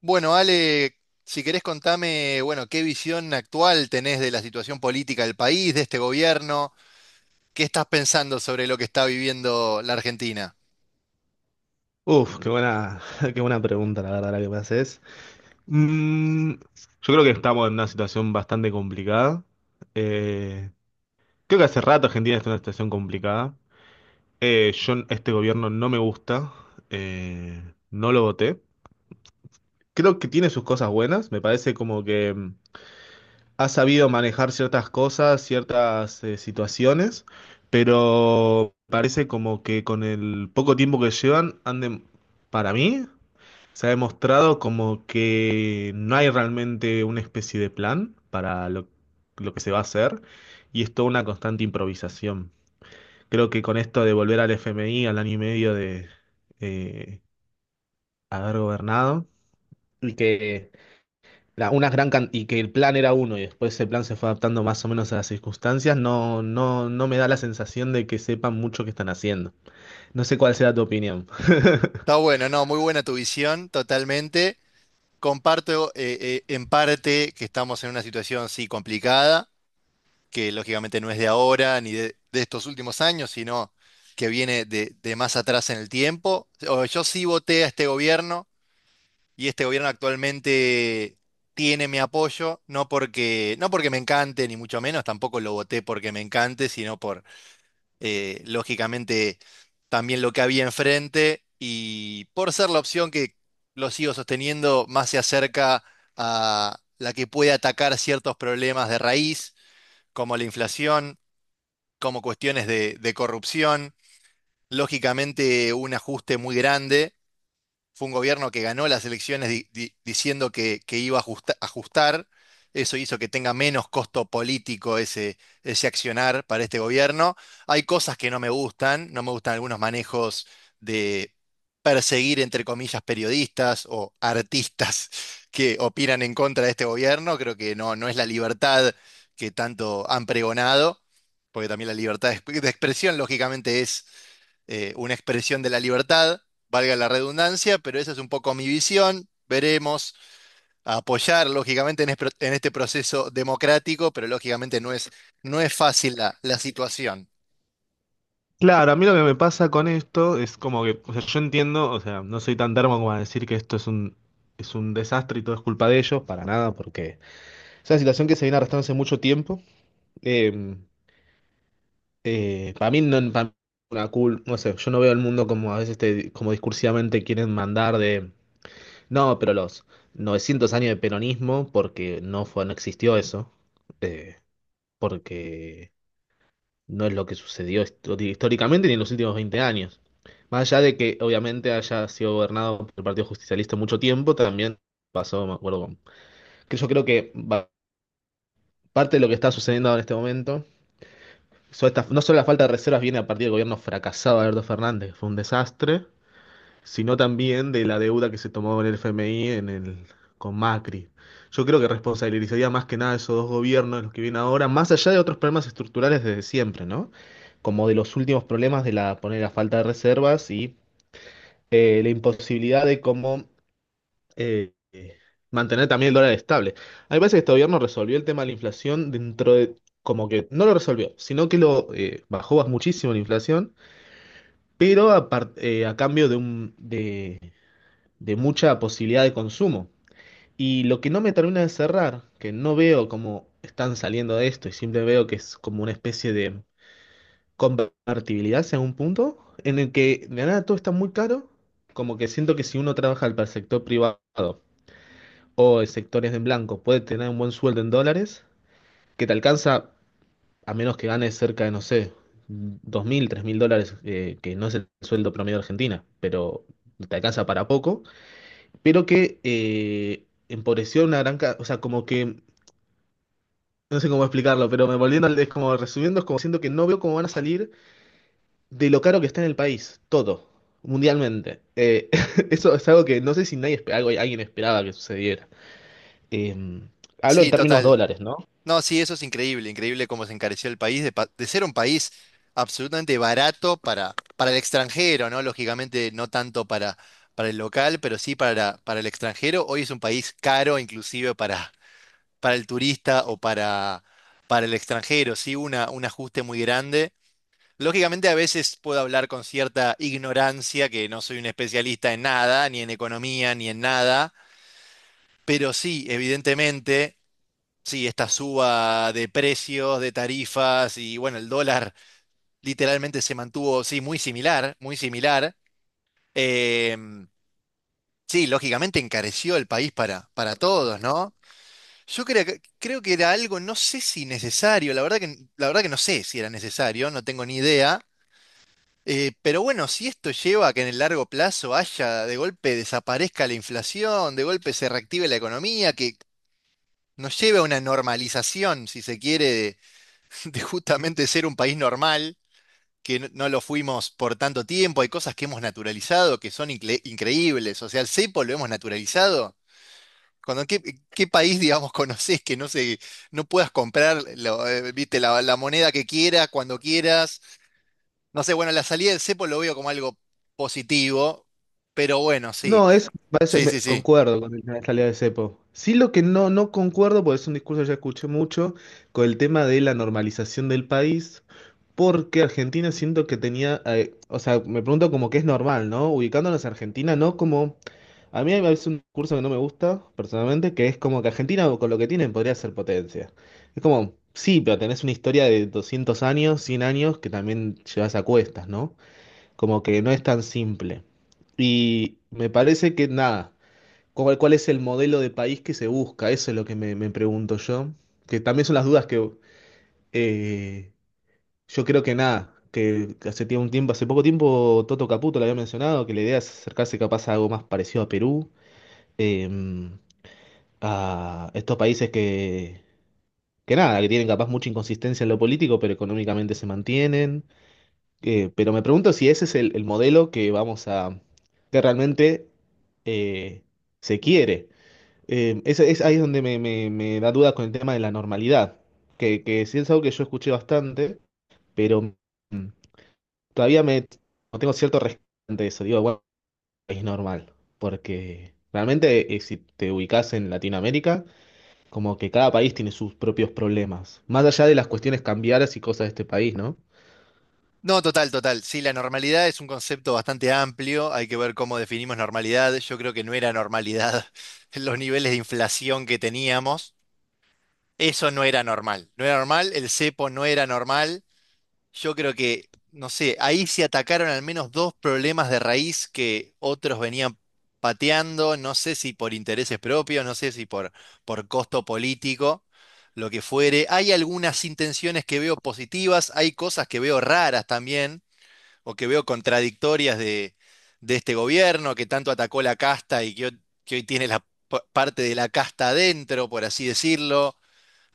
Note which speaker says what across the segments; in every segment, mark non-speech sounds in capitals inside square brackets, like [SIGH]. Speaker 1: Bueno, Ale, si querés contame, bueno, qué visión actual tenés de la situación política del país, de este gobierno, qué estás pensando sobre lo que está viviendo la Argentina.
Speaker 2: Uf, qué buena, [LAUGHS] qué buena pregunta, la verdad, la que me haces. Yo creo que estamos en una situación bastante complicada. Eh, creo que hace rato Argentina está en una situación complicada. Yo, este gobierno no me gusta. eh, no lo voté. Creo que tiene sus cosas buenas. Me parece como que ha sabido manejar ciertas cosas, ciertas situaciones, pero parece como que con el poco tiempo que llevan, anden, para mí. Se ha demostrado como que no hay realmente una especie de plan para lo que se va a hacer y es toda una constante improvisación. Creo que con esto de volver al FMI al año y medio de eh, haber gobernado y que una y que el plan era uno y después ese plan se fue adaptando más o menos a las circunstancias, no me da la sensación de que sepan mucho qué están haciendo. No sé cuál sea tu opinión. [LAUGHS]
Speaker 1: Está bueno, no, muy buena tu visión, totalmente. Comparto en parte que estamos en una situación, sí, complicada, que lógicamente no es de ahora ni de estos últimos años, sino que viene de más atrás en el tiempo. Yo sí voté a este gobierno y este gobierno actualmente tiene mi apoyo, no porque me encante, ni mucho menos, tampoco lo voté porque me encante, sino por, lógicamente, también lo que había enfrente y por ser la opción que lo sigo sosteniendo más se acerca a la que puede atacar ciertos problemas de raíz, como la inflación, como cuestiones de corrupción, lógicamente un ajuste muy grande fue un gobierno que ganó las elecciones diciendo que iba a ajustar. Eso hizo que tenga menos costo político ese accionar para este gobierno. Hay cosas que no me gustan, no me gustan algunos manejos de perseguir, entre comillas, periodistas o artistas [LAUGHS] que opinan en contra de este gobierno. Creo que no, no es la libertad que tanto han pregonado, porque también la libertad de de expresión, lógicamente, es una expresión de la libertad, valga la redundancia, pero esa es un poco mi visión. Veremos a apoyar, lógicamente, en, en este proceso democrático, pero lógicamente no es, no es fácil la, la situación.
Speaker 2: Claro, a mí lo que me pasa con esto es como que, o sea, yo entiendo, o sea, no soy tan termo como a decir que esto es es un desastre y todo es culpa de ellos, para nada, porque es una situación que se viene arrastrando hace mucho tiempo. Eh, para mí no una no sé, yo no veo el mundo como a veces como discursivamente quieren mandar de, no, pero los 900 años de peronismo, porque no fue, no existió eso, eh, porque no es lo que sucedió históricamente ni en los últimos 20 años. Más allá de que obviamente haya sido gobernado por el Partido Justicialista mucho tiempo, también pasó, me acuerdo, que yo creo que parte de lo que está sucediendo ahora en este momento, no solo la falta de reservas viene a partir del gobierno fracasado de Alberto Fernández, que fue un desastre, sino también de la deuda que se tomó en el FMI en el, con Macri. Yo creo que responsabilizaría más que nada a esos dos gobiernos, los que vienen ahora, más allá de otros problemas estructurales desde siempre, ¿no? Como de los últimos problemas de la, poner la falta de reservas y la imposibilidad de cómo eh, eh, mantener también el dólar estable. A mí me parece que este gobierno resolvió el tema de la inflación dentro de, como que no lo resolvió, sino que lo bajó muchísimo la inflación, pero a cambio de de mucha posibilidad de consumo. Y lo que no me termina de cerrar, que no veo cómo están saliendo de esto, y siempre veo que es como una especie de convertibilidad en un punto, en el que de nada todo está muy caro, como que siento que si uno trabaja para el sector privado o el sector es en blanco, puede tener un buen sueldo en dólares, que te alcanza a menos que ganes cerca de, no sé, 2000 3000 dólares, que no es el sueldo promedio de Argentina, pero te alcanza para poco. Pero que empobreció una gran... O sea, como que... No sé cómo explicarlo, pero es como resumiendo, es como siento que no veo cómo van a salir de lo caro que está en el país, todo, mundialmente. [LAUGHS] Eso es algo que no sé si nadie, alguien esperaba que sucediera. Eh, hablo en
Speaker 1: Sí,
Speaker 2: términos
Speaker 1: total.
Speaker 2: dólares, ¿no?
Speaker 1: No, sí, eso es increíble, increíble cómo se encareció el país, de, de ser un país absolutamente barato para el extranjero, ¿no? Lógicamente, no tanto para el local, pero sí para el extranjero. Hoy es un país caro, inclusive para el turista o para el extranjero, ¿sí? Una, un ajuste muy grande. Lógicamente a veces puedo hablar con cierta ignorancia, que no soy un especialista en nada, ni en economía, ni en nada, pero sí, evidentemente, sí, esta suba de precios, de tarifas y bueno, el dólar literalmente se mantuvo, sí, muy similar, muy similar. Em, sí, lógicamente encareció el país para todos, ¿no? Yo creo creo que era algo, no sé si necesario, la verdad que no sé si era necesario, no tengo ni idea. Pero bueno, si esto lleva a que en el largo plazo haya, de golpe desaparezca la inflación, de golpe se reactive la economía, que nos lleve a una normalización, si se quiere, [LAUGHS] de justamente ser un país normal, que no, no lo fuimos por tanto tiempo, hay cosas que hemos naturalizado que son increíbles, o sea, el cepo lo hemos naturalizado cuando, ¿qué, qué país, digamos, [LAUGHS] conocés que no se, no puedas comprar lo, viste, la moneda que quieras, cuando quieras? No sé, bueno, la salida del cepo lo veo como algo positivo, pero bueno, sí,
Speaker 2: No, eso me parece,
Speaker 1: sí, sí, sí.
Speaker 2: concuerdo con la salida de cepo. Sí, lo que no concuerdo, porque es un discurso que ya escuché mucho, con el tema de la normalización del país. Porque Argentina siento que tenía, o sea, me pregunto como que es normal, ¿no? Ubicándonos a Argentina, ¿no? Como, a mí hay veces un curso que no me gusta, personalmente, que es como que Argentina con lo que tienen podría ser potencia. Es como, sí, pero tenés una historia de 200 años, 100 años, que también llevas a cuestas, ¿no? Como que no es tan simple. Y me parece que nada, ¿ cuál es el modelo de país que se busca? Eso es lo que me pregunto yo, que también son las dudas que eh, yo creo que nada, que hace tiempo, un tiempo, hace poco tiempo Toto Caputo lo había mencionado, que la idea es acercarse capaz a algo más parecido a Perú, eh, a estos países que nada, que tienen capaz mucha inconsistencia en lo político, pero económicamente se mantienen. Pero me pregunto si ese es el modelo que vamos a, que realmente eh, se quiere. Es ahí es donde me da duda con el tema de la normalidad, que sí es algo que yo escuché bastante, pero... mm, todavía me no tengo cierto respeto ante eso. Digo, bueno, es normal, porque realmente si te ubicas en Latinoamérica, como que cada país tiene sus propios problemas, más allá de las cuestiones cambiarias y cosas de este país, ¿no?
Speaker 1: No, total, total. Sí, la normalidad es un concepto bastante amplio, hay que ver cómo definimos normalidad. Yo creo que no era normalidad [LAUGHS] los niveles de inflación que teníamos. Eso no era normal. No era normal, el cepo no era normal. Yo creo que, no sé, ahí se atacaron al menos dos problemas de raíz que otros venían pateando, no sé si por intereses propios, no sé si por, por costo político, lo que fuere. Hay algunas intenciones que veo positivas, hay cosas que veo raras también, o que veo contradictorias de este gobierno que tanto atacó la casta y que hoy tiene la parte de la casta adentro, por así decirlo.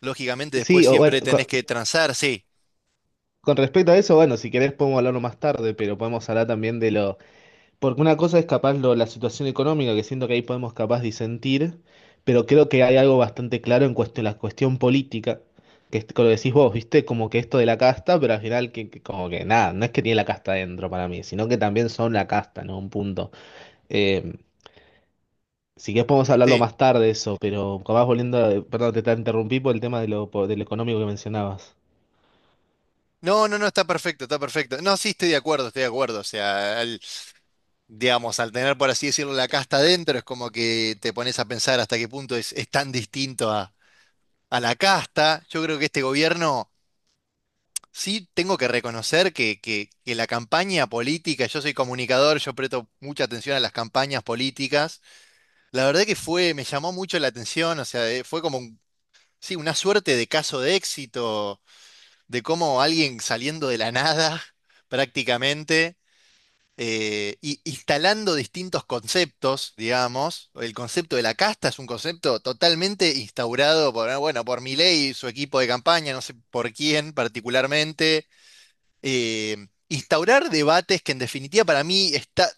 Speaker 1: Lógicamente después
Speaker 2: Sí, o bueno,
Speaker 1: siempre tenés que transar, sí.
Speaker 2: con respecto a eso, bueno, si querés podemos hablarlo más tarde, pero podemos hablar también de los. Porque una cosa es capaz la situación económica, que siento que ahí podemos capaz disentir, pero creo que hay algo bastante claro en cuestión, la cuestión política, que es lo decís vos, ¿viste? Como que esto de la casta, pero al final que como que nada, no es que tiene la casta dentro para mí, sino que también son la casta, ¿no? Un punto. Eh, si querés podemos hablarlo
Speaker 1: Sí.
Speaker 2: más tarde eso, pero capaz volviendo, perdón, te interrumpí por el tema de del económico que mencionabas.
Speaker 1: No, está perfecto, está perfecto. No, sí, estoy de acuerdo, estoy de acuerdo. O sea, digamos, al tener, por así decirlo, la casta adentro, es como que te pones a pensar hasta qué punto es tan distinto a la casta. Yo creo que este gobierno, sí, tengo que reconocer que la campaña política, yo soy comunicador, yo presto mucha atención a las campañas políticas. La verdad que fue, me llamó mucho la atención, o sea, fue como, sí, una suerte de caso de éxito, de cómo alguien saliendo de la nada, [LAUGHS] prácticamente y instalando distintos conceptos, digamos. El concepto de la casta es un concepto totalmente instaurado por, ah, bueno, por Milei y su equipo de campaña, no sé por quién particularmente. Instaurar debates que en definitiva para mí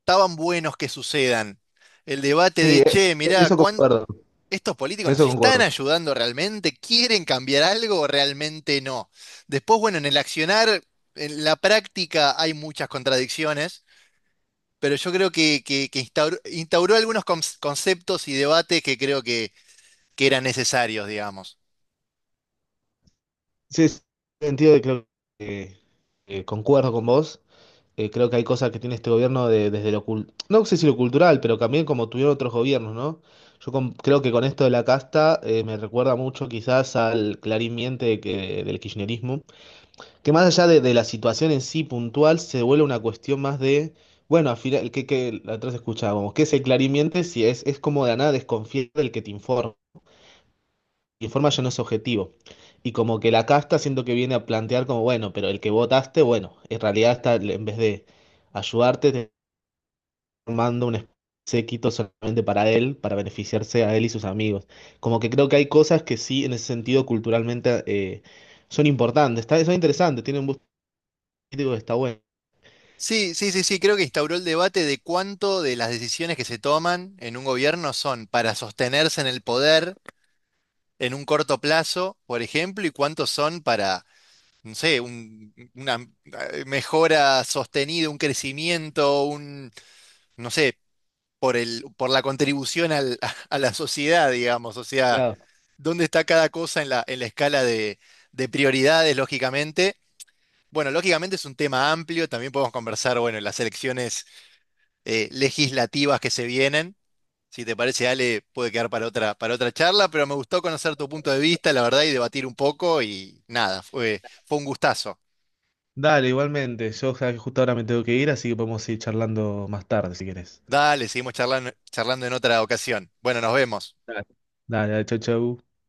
Speaker 1: estaban buenos que sucedan. El debate
Speaker 2: Sí,
Speaker 1: de, che, mirá,
Speaker 2: eso concuerdo,
Speaker 1: ¿estos políticos nos
Speaker 2: eso
Speaker 1: están
Speaker 2: concuerdo.
Speaker 1: ayudando realmente? ¿Quieren cambiar algo o realmente no? Después, bueno, en el accionar, en la práctica hay muchas contradicciones pero yo creo que instauró, instauró algunos conceptos y debates que creo que eran necesarios, digamos.
Speaker 2: Sí, sí, en el sentido de que creo que concuerdo con vos. Creo que hay cosas que tiene este gobierno desde lo cultural, no sé si lo cultural, pero también como tuvieron otros gobiernos, ¿no? Yo creo que con esto de la casta me recuerda mucho quizás al clarín miente que, del kirchnerismo, que más allá de la situación en sí puntual, se vuelve una cuestión más de, bueno, al final, que la otra vez escuchábamos, ¿qué es el clarín miente? Si es como de la nada desconfiar del que te informa, informa ya no es objetivo. Y como que la casta siento que viene a plantear como, bueno, pero el que votaste, bueno, en realidad está, en vez de ayudarte, formando un séquito solamente para él, para beneficiarse a él y sus amigos. Como que creo que hay cosas que sí, en ese sentido, culturalmente son importantes, está, son interesantes, tienen un gusto político que está bueno.
Speaker 1: Sí, sí, sí, sí, creo que instauró el debate de cuánto de las decisiones que se toman en un gobierno son para sostenerse en el poder en un corto plazo, por ejemplo, y cuántos son para, no sé, una mejora sostenida, un crecimiento, un, no sé, por el, por la contribución [LAUGHS] a la sociedad, digamos, o sea.
Speaker 2: Claro.
Speaker 1: Dónde está cada cosa en la escala de prioridades, lógicamente. Bueno, lógicamente es un tema amplio, también podemos conversar, bueno, en las elecciones legislativas que se vienen. Si te parece, Ale, puede quedar para otra charla, pero me gustó conocer tu punto de vista, la verdad, y debatir un poco, y nada, fue, fue un gustazo.
Speaker 2: Dale, igualmente. Yo sabes que justo ahora me tengo que ir, así que podemos ir charlando más tarde si querés.
Speaker 1: Dale, seguimos charlando, charlando en otra ocasión. Bueno, nos vemos.
Speaker 2: Dale, dale, dale, chau, chau.